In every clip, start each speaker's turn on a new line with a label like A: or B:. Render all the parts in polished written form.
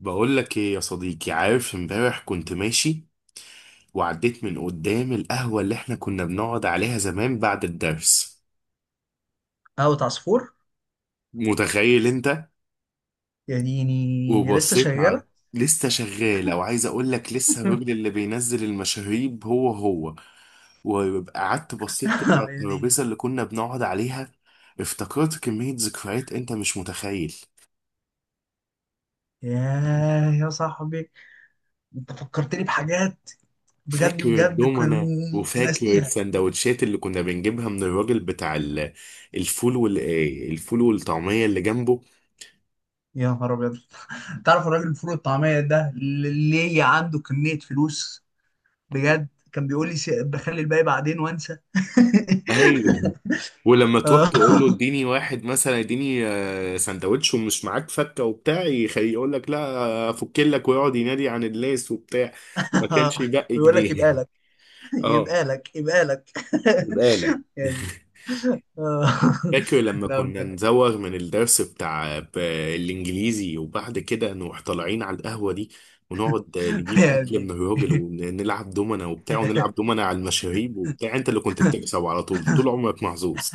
A: بقول لك ايه يا صديقي؟ عارف امبارح كنت ماشي وعديت من قدام القهوة اللي احنا كنا بنقعد عليها زمان بعد الدرس.
B: قهوة عصفور.
A: متخيل انت؟
B: يا ديني، لسه
A: وبصيت
B: شغالة.
A: على لسه شغالة، وعايز اقول لك لسه الراجل اللي بينزل المشاريب هو هو. وقعدت بصيت كده على
B: يا ديني.
A: الترابيزة اللي كنا بنقعد عليها. افتكرت كمية ذكريات انت مش متخيل.
B: ياه يا صاحبي، انت فكرتني بحاجات. بجد
A: فاكر
B: بجد
A: الدومنة
B: كنت
A: وفاكر
B: ناسيها.
A: السندوتشات اللي كنا بنجيبها من الراجل بتاع الفول وال الفول والطعمية اللي جنبه.
B: يا نهار ابيض، تعرف الراجل الفول الطعمية ده اللي عنده كمية فلوس؟ بجد كان بيقول لي بخلي الباقي بعدين وانسى.
A: ايوه، ولما تروح
B: آه.
A: تقول له اديني واحد مثلا اديني سندوتش ومش معاك فكة وبتاع يقول لك لا افك لك، ويقعد ينادي عن اللاس وبتاع. ما كانش يبقى
B: ويقول لك يبقى
A: جنيه.
B: لك
A: اه،
B: يبقى لك يبقى لك.
A: بقالك.
B: يعني. آه.
A: فاكر لما
B: لا
A: كنا
B: بجد،
A: نزوغ من الدرس بتاع الإنجليزي وبعد كده نروح طالعين على القهوة دي، ونقعد نجيب أكل من
B: يعني
A: الراجل ونلعب دومنا وبتاع، ونلعب دومنا على المشاريب وبتاع. أنت اللي كنت بتكسب على طول، طول عمرك محظوظ.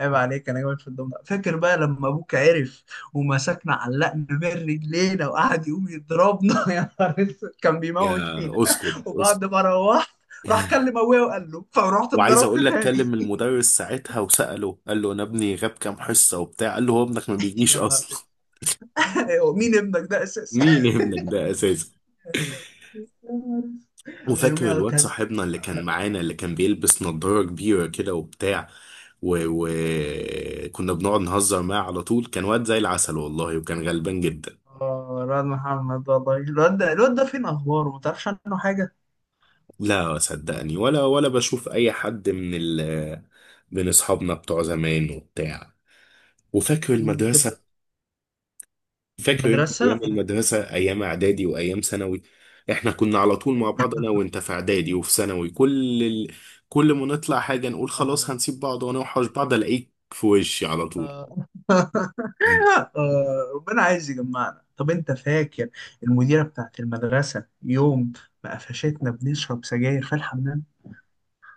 B: عيب عليك، انا جامد في الدم ده. فاكر بقى لما ابوك عرف ومسكنا، علقنا من رجلينا وقعد يقوم يضربنا؟ يا نهار اسود، كان
A: يا
B: بيموت فينا.
A: اسكت اسكت!
B: وبعد ما روحت، راح كلم ابويا وقال له، فرحت
A: وعايز
B: اتضربت
A: أقول لك
B: تاني.
A: كلم المدرس ساعتها وسأله، قال له أنا ابني غاب كام حصة وبتاع، قال له هو ابنك ما بيجيش
B: يا نهار اسود.
A: أصلا.
B: أيوة، مين ابنك ده اساسا؟
A: مين ابنك ده أساسا؟
B: يا نهار اسود. انا
A: وفاكر
B: يوميها
A: الواد
B: كان
A: صاحبنا اللي كان معانا اللي كان بيلبس نضارة كبيرة كده وبتاع، وكنا بنقعد نهزر معاه على طول. كان واد زي العسل والله، وكان غلبان جدا.
B: اه الواد محمد. والله، الواد ده، الواد ده فين اخباره؟ ما تعرفش عنه حاجه.
A: لا صدقني، ولا بشوف أي حد من من أصحابنا بتوع زمان وبتاع. وفاكر
B: كده.
A: المدرسة؟ فاكر انت ايام
B: المدرسه.
A: المدرسه، ايام اعدادي وايام ثانوي؟ احنا كنا على طول مع بعض انا وانت، في اعدادي وفي ثانوي. كل ما نطلع حاجه نقول
B: يا
A: خلاص
B: نهار
A: هنسيب بعض ونوحش بعض، الاقيك في وشي على طول.
B: أبيض. ربنا عايز يجمعنا. طب انت فاكر المديرة بتاعت المدرسة يوم ما قفشتنا بنشرب سجاير في الحمام؟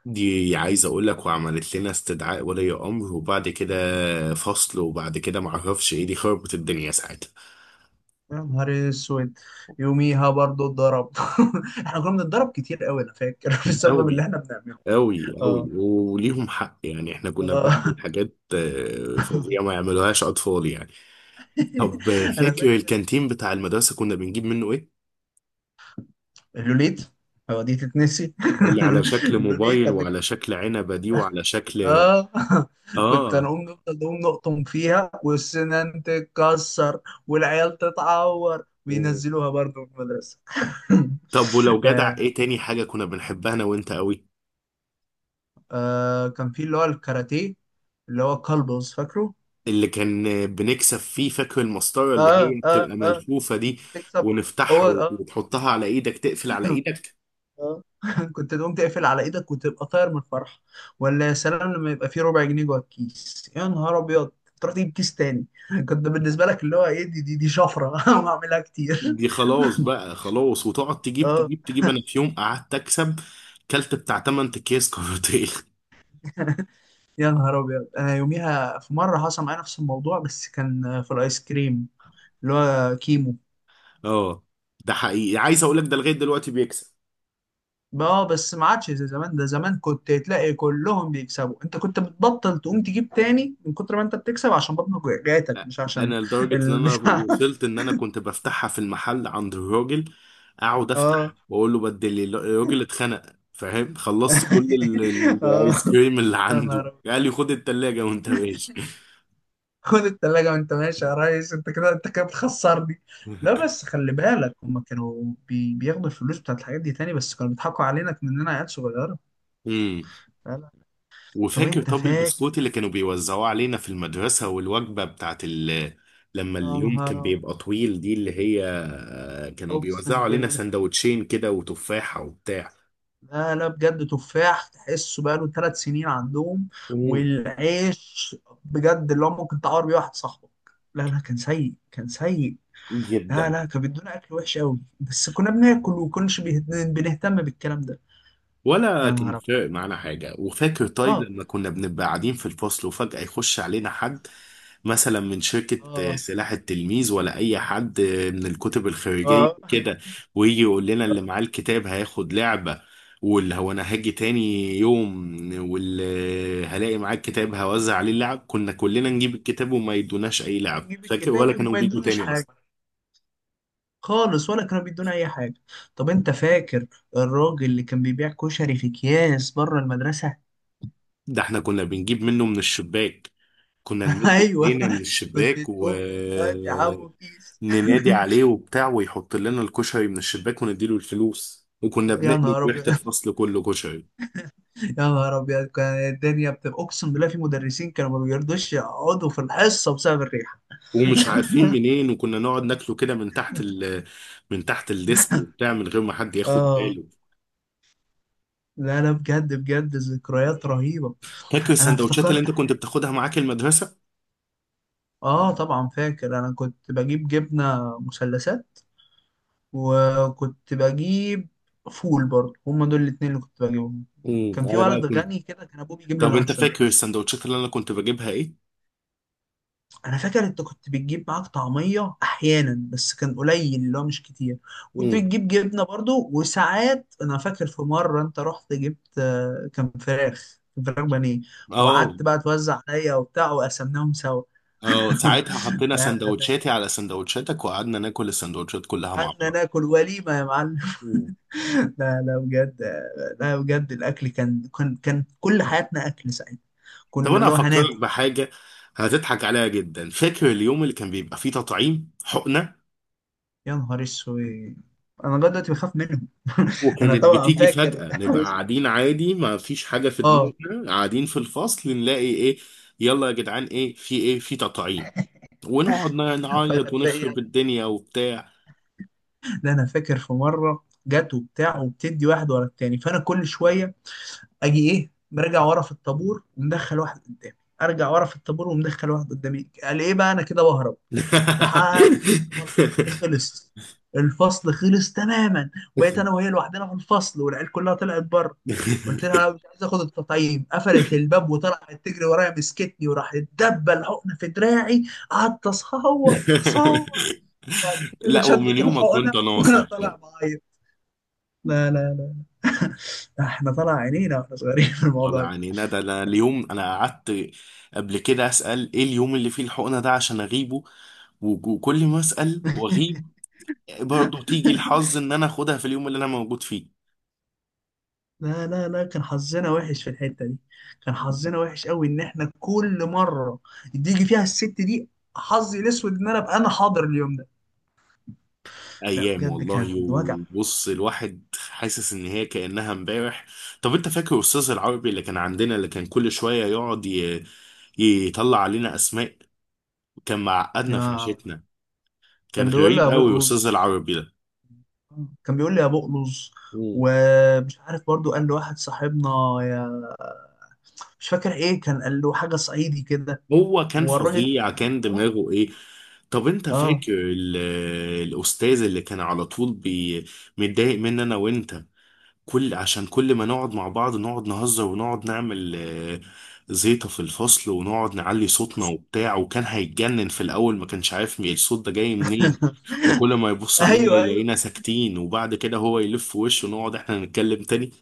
A: دي عايز اقول لك، وعملت لنا استدعاء ولي امر وبعد كده فصل، وبعد كده معرفش ايه، دي خربت الدنيا ساعتها.
B: يا نهار اسود، يوميها برضو اتضرب. احنا كنا بنتضرب كتير قوي، انا فاكر، بسبب اللي
A: قوي
B: احنا بنعمله.
A: قوي قوي،
B: اه.
A: وليهم حق يعني احنا كنا بنعمل
B: اه.
A: حاجات فظيعه ما يعملوهاش اطفال يعني. طب،
B: انا
A: فاكر
B: فاكر
A: الكانتين بتاع المدرسة كنا بنجيب منه ايه؟
B: اللوليت. هو دي تتنسي؟
A: اللي على شكل
B: اللوليت.
A: موبايل وعلى شكل عنبة دي وعلى شكل
B: اه. كنت
A: اه
B: هنقوم نفضل نقوم نقطم فيها والسنان تتكسر والعيال تتعور،
A: و-
B: وينزلوها برضه من المدرسة.
A: طب ولو جدع،
B: يعني.
A: ايه تاني حاجة كنا بنحبها انا وانت قوي؟
B: كان في اللي هو الكاراتيه، اللي هو كلبز، فاكره؟
A: اللي كان بنكسب فيه، فاكر المسطرة اللي
B: اه
A: هي
B: اه
A: بتبقى
B: اه.
A: ملفوفة دي،
B: تكسب. هو
A: ونفتحها
B: اه.
A: وتحطها على ايدك تقفل على ايدك.
B: اه. كنت تقوم تقفل على ايدك وتبقى طاير من الفرحة. ولا يا سلام لما يبقى فيه ربع جنيه جوه الكيس. يا نهار ابيض، تروح تجيب كيس تاني. كنت بالنسبة لك اللي هو ايه، دي شفرة. وهعملها كتير.
A: دي خلاص بقى خلاص، وتقعد تجيب
B: اه.
A: تجيب تجيب. انا في يوم قعدت اكسب كلت بتاع 8 اكياس كاراتيه.
B: يا نهار ابيض، انا يوميها في مره حصل معايا نفس الموضوع، بس كان في الايس كريم اللي هو كيمو.
A: اه، ده حقيقي عايز اقول لك ده لغاية دلوقتي بيكسب.
B: اه، بس ما عادش زي زمان. ده زمان كنت تلاقي كلهم بيكسبوا. انت كنت بتبطل تقوم تجيب تاني من كتر ما انت بتكسب، عشان بطنك وجعتك مش عشان
A: انا لدرجه ان انا
B: البتاع.
A: وصلت ان انا كنت بفتحها في المحل عند الراجل، اقعد افتح
B: اه.
A: واقول له بدل الراجل اتخنق، فاهم، خلصت كل
B: اه.
A: الايس كريم اللي
B: يا
A: عنده،
B: نهار أبيض.
A: قال لي خد التلاجة وانت ماشي.
B: خد التلاجة وانت ماشي يا ريس، انت كده انت كده بتخسرني. لا بس خلي بالك، هما كانوا بياخدوا الفلوس بتاعت الحاجات دي تاني، بس كانوا بيضحكوا علينا مننا عيال صغيرة.
A: امم
B: طب
A: وفاكر
B: انت
A: طب
B: فاكر؟
A: البسكوت اللي كانوا بيوزعوه علينا في المدرسه، والوجبه بتاعت لما
B: يا
A: اليوم
B: نهار
A: كان
B: أبيض،
A: بيبقى طويل دي، اللي هي كانوا بيوزعوا
B: اقسم
A: علينا
B: بالله.
A: سندوتشين كده وتفاحه وبتاع.
B: لا لا بجد، تفاح تحسه بقاله ثلاث سنين عندهم.
A: امم،
B: والعيش بجد اللي هو ممكن تعور بيه واحد صاحبك. لا لا، كان سيء كان سيء. لا
A: جدا.
B: لا، كان بيدونا اكل وحش قوي، بس كنا بناكل وكناش بنهتم بالكلام ده.
A: ولا
B: يا
A: كان
B: نهار ابيض.
A: فارق معانا حاجة. وفاكر طيب
B: اه
A: لما كنا بنبقى قاعدين في الفصل وفجأة يخش علينا حد مثلا من شركة
B: اه
A: سلاح التلميذ، ولا أي حد من الكتب الخارجية
B: اه.
A: كده، ويجي يقول لنا اللي معاه الكتاب هياخد لعبة، واللي هو أنا هاجي تاني يوم واللي هلاقي معاه الكتاب هوزع عليه اللعب. كنا كلنا نجيب الكتاب وما يدوناش أي
B: كنا
A: لعب،
B: نجيب
A: فاكر؟
B: الكتاب
A: ولا كانوا
B: وما
A: بيجوا
B: يدوناش
A: تاني أصلا؟
B: حاجه خالص، ولا كانوا بيدونا اي حاجه. طب انت فاكر الراجل اللي كان بيبيع كشري في اكياس بره المدرسه؟
A: ده احنا كنا بنجيب منه من الشباك، كنا نمد
B: ايوه،
A: ايدينا من
B: كنت
A: الشباك
B: تقوم طول الوقت يا عمو
A: وننادي
B: كيس.
A: عليه وبتاع ويحط لنا الكشري من الشباك ونديله الفلوس، وكنا
B: يا
A: بنقلب
B: نهار
A: ريحة
B: ابيض.
A: الفصل كله كشري
B: يا نهار ابيض، كان الدنيا بتبقى اقسم بالله في مدرسين كانوا ما بيرضوش يقعدوا في الحصه بسبب الريحه.
A: ومش عارفين منين. وكنا نقعد ناكله كده من تحت من تحت الديسك وبتاع، من غير ما حد ياخد
B: اه.
A: باله.
B: لا لا بجد بجد، ذكريات رهيبه.
A: فاكر
B: انا
A: السندوتشات اللي
B: افتكرت
A: انت كنت
B: حاجه.
A: بتاخدها معاك المدرسة؟
B: اه طبعا فاكر، انا كنت بجيب جبنه مثلثات، وكنت بجيب فول برضه. هما دول الاتنين اللي كنت بجيبهم. كان في
A: انا بقى
B: ولد
A: كنت.
B: غني كده، كان ابوه بيجيب له
A: طب انت
B: لانشون.
A: فاكر السندوتشات اللي انا كنت بجيبها ايه؟
B: انا فاكر انت كنت بتجيب معاك طعميه احيانا، بس كان قليل اللي هو مش كتير. كنت
A: امم،
B: بتجيب جبنه برضو. وساعات، انا فاكر في مره انت رحت جبت كان فراخ كان فراخ بانيه.
A: اه
B: وقعدت بقى توزع عليا وبتاع، وقسمناهم سوا.
A: اه، ساعتها حطينا
B: لا لا، ده
A: سندوتشاتي على سندوتشاتك وقعدنا ناكل السندوتشات كلها مع
B: قعدنا
A: بعض.
B: ناكل وليمه يا معلم.
A: مم.
B: لا لا بجد. لا بجد، الاكل كان كل حياتنا اكل ساعتها.
A: طب
B: كنا
A: انا
B: اللي هو
A: افكرك
B: هناكل.
A: بحاجه هتضحك عليها جدا، فاكر اليوم اللي كان بيبقى فيه تطعيم حقنه؟
B: يا نهار اسود، انا لغايه دلوقتي بخاف منهم. انا
A: وكانت
B: طبعا
A: بتيجي
B: فاكر.
A: فجاه، نبقى قاعدين عادي ما فيش حاجه في
B: اه.
A: دماغنا قاعدين في الفصل، نلاقي ايه، يلا يا جدعان ايه في ايه؟ في تطعيم! ونقعد نعيط
B: فتلاقي
A: ونخرب
B: يعني،
A: الدنيا وبتاع.
B: ده انا فاكر في مره جت وبتاع، وبتدي واحد ورا التاني، فانا كل شويه اجي ايه، مرجع ورا في الطابور ومدخل واحد قدامي، ارجع ورا في الطابور ومدخل واحد قدامي. قال ايه بقى، انا كده بهرب لحد ما الفصل خلص. الفصل خلص تماما، وبقيت انا وهي لوحدنا في الفصل، والعيال كلها طلعت بره. قلت لها انا مش عايز اخد التطعيم. قفلت الباب وطلعت تجري ورايا، مسكتني وراحت دبه الحقنه في دراعي. قعدت اصوت اصوت. بعد كده
A: لا، ومن
B: شدت
A: يومك
B: الحقنه
A: وانت
B: وانا
A: ناصح.
B: طالع بعيط. لا لا لا، احنا طالع عينينا واحنا صغيرين في
A: والله
B: الموضوع ده.
A: يعني ندى انا اليوم انا قعدت قبل كده اسال ايه اليوم اللي فيه الحقنه ده عشان اغيبه، وكل ما اسال واغيب، برضه تيجي الحظ ان انا اخدها في اليوم اللي انا موجود فيه.
B: لا لا لا، كان حظنا وحش في الحته دي. كان حظنا وحش قوي ان احنا كل مره تيجي فيها الست دي، حظي الاسود ان انا ابقى انا حاضر اليوم ده. لا
A: ايام
B: بجد،
A: والله،
B: كان وجع.
A: وبص الواحد حاسس ان هي كانها امبارح. طب انت فاكر استاذ العربي اللي كان عندنا اللي كان كل شويه يقعد يطلع علينا اسماء؟ كان معقدنا في
B: يا
A: عيشتنا. كان
B: كان بيقول لي
A: غريب
B: يا
A: قوي
B: بقلظ.
A: استاذ العربي ده.
B: كان بيقول لي يا بقلظ.
A: مم.
B: ومش عارف برضو قال لواحد صاحبنا يا مش فاكر ايه، كان قال له حاجه صعيدي كده.
A: هو كان
B: هو الراجل ده
A: فظيع،
B: كان
A: كان
B: اه.
A: دماغه ايه. طب انت
B: اه.
A: فاكر الاستاذ اللي كان على طول متضايق مني انا وانت، كل عشان كل ما نقعد مع بعض نقعد نهزر ونقعد نعمل زيطة في الفصل ونقعد نعلي صوتنا وبتاع، وكان هيتجنن في الاول ما كانش عارف مين الصوت ده جاي منين. وكل ما يبص علينا
B: ايوه ايوه.
A: يلاقينا ساكتين، وبعد كده هو يلف وشه ونقعد احنا نتكلم تاني.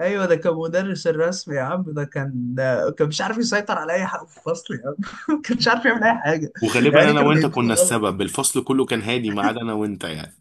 B: ايوه ده كان مدرس الرسم يا عم. ده كان مش عارف يسيطر على اي حاجه في الفصل يا عم. كان مش عارف يعمل اي حاجه.
A: وغالبا
B: يعني
A: انا
B: كانوا
A: وانت
B: جايبينه
A: كنا
B: غلط.
A: السبب، الفصل كله كان هادي ما عدا انا وانت يعني.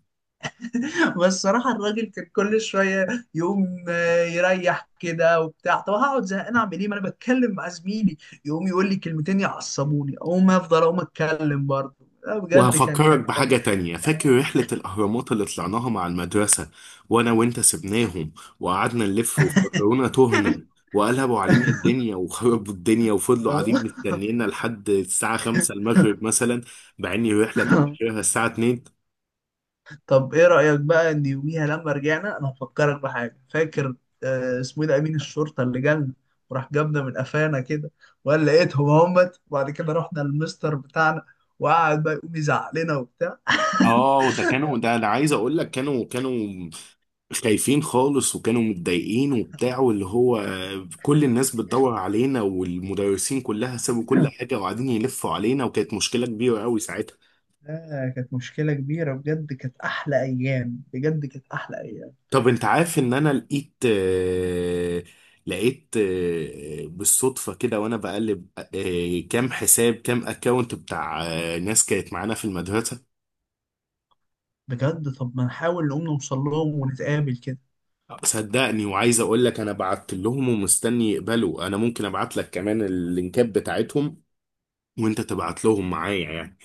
B: بس صراحه الراجل كان كل شويه يقوم يريح كده وبتاع. طب هقعد زهقان اعمل ايه، ما انا بتكلم مع زميلي. يقوم يقول لي كلمتين يعصبوني، اقوم افضل اقوم اتكلم برضه. لا بجد، كان
A: وهفكرك
B: كان.
A: بحاجة تانية، فاكر رحلة الأهرامات اللي طلعناها مع المدرسة، وأنا وأنت سبناهم وقعدنا نلف وافتكرونا تهنا، وقلبوا علينا الدنيا وخربوا الدنيا وفضلوا قاعدين مستنينا لحد الساعة 5 المغرب مثلا، مع إن الرحلة كان
B: آه.
A: آخرها الساعة 2.
B: طب ايه رأيك بقى ان يوميها لما رجعنا، انا هفكرك بحاجة، فاكر اسمه ايه ده، امين الشرطة اللي جالنا، وراح جابنا من قفانا كده وقال لقيتهم همت؟ وبعد كده رحنا للمستر بتاعنا، وقعد بقى يقوم يزعق لنا وبتاع.
A: وده كانوا، ده أنا عايز أقول لك كانوا خايفين خالص وكانوا متضايقين وبتاع، واللي هو كل الناس بتدور علينا، والمدرسين كلها سابوا كل حاجة وقاعدين يلفوا علينا، وكانت مشكلة كبيرة قوي ساعتها.
B: آه، كانت مشكلة كبيرة بجد. كانت أحلى أيام، بجد كانت أحلى أيام.
A: طب انت عارف ان انا لقيت بالصدفة كده، وانا بقلب كام حساب كام اكونت بتاع ناس كانت معانا في المدرسة.
B: بجد طب ما نحاول نقوم نوصل لهم ونتقابل كده.
A: صدقني، وعايز اقول لك انا بعت لهم ومستني يقبلوا، انا ممكن ابعت لك كمان اللينكات بتاعتهم وانت تبعت لهم معايا يعني.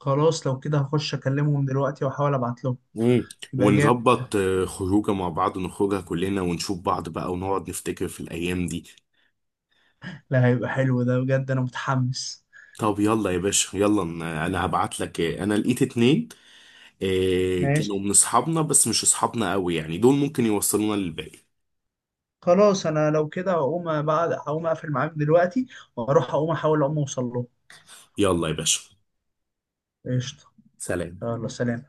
B: خلاص لو كده هخش أكلمهم دلوقتي وأحاول أبعت لهم.
A: مم.
B: يبقى جامد ده.
A: ونظبط خروجه مع بعض نخرجها كلنا ونشوف بعض بقى، ونقعد نفتكر في الايام دي.
B: لا هيبقى حلو ده بجد، أنا متحمس.
A: طب يلا يا باشا، يلا أنا هبعت لك انا لقيت اتنين، إيه كانوا
B: ماشي،
A: من اصحابنا بس مش اصحابنا قوي يعني، دول ممكن يوصلونا للباقي.
B: خلاص انا لو كده هقوم، بعد هقوم اقفل معاك دلوقتي، واروح اقوم احاول اقوم اوصل له.
A: يلا يا باشا.
B: قشطه.
A: سلام.
B: يلا سلام.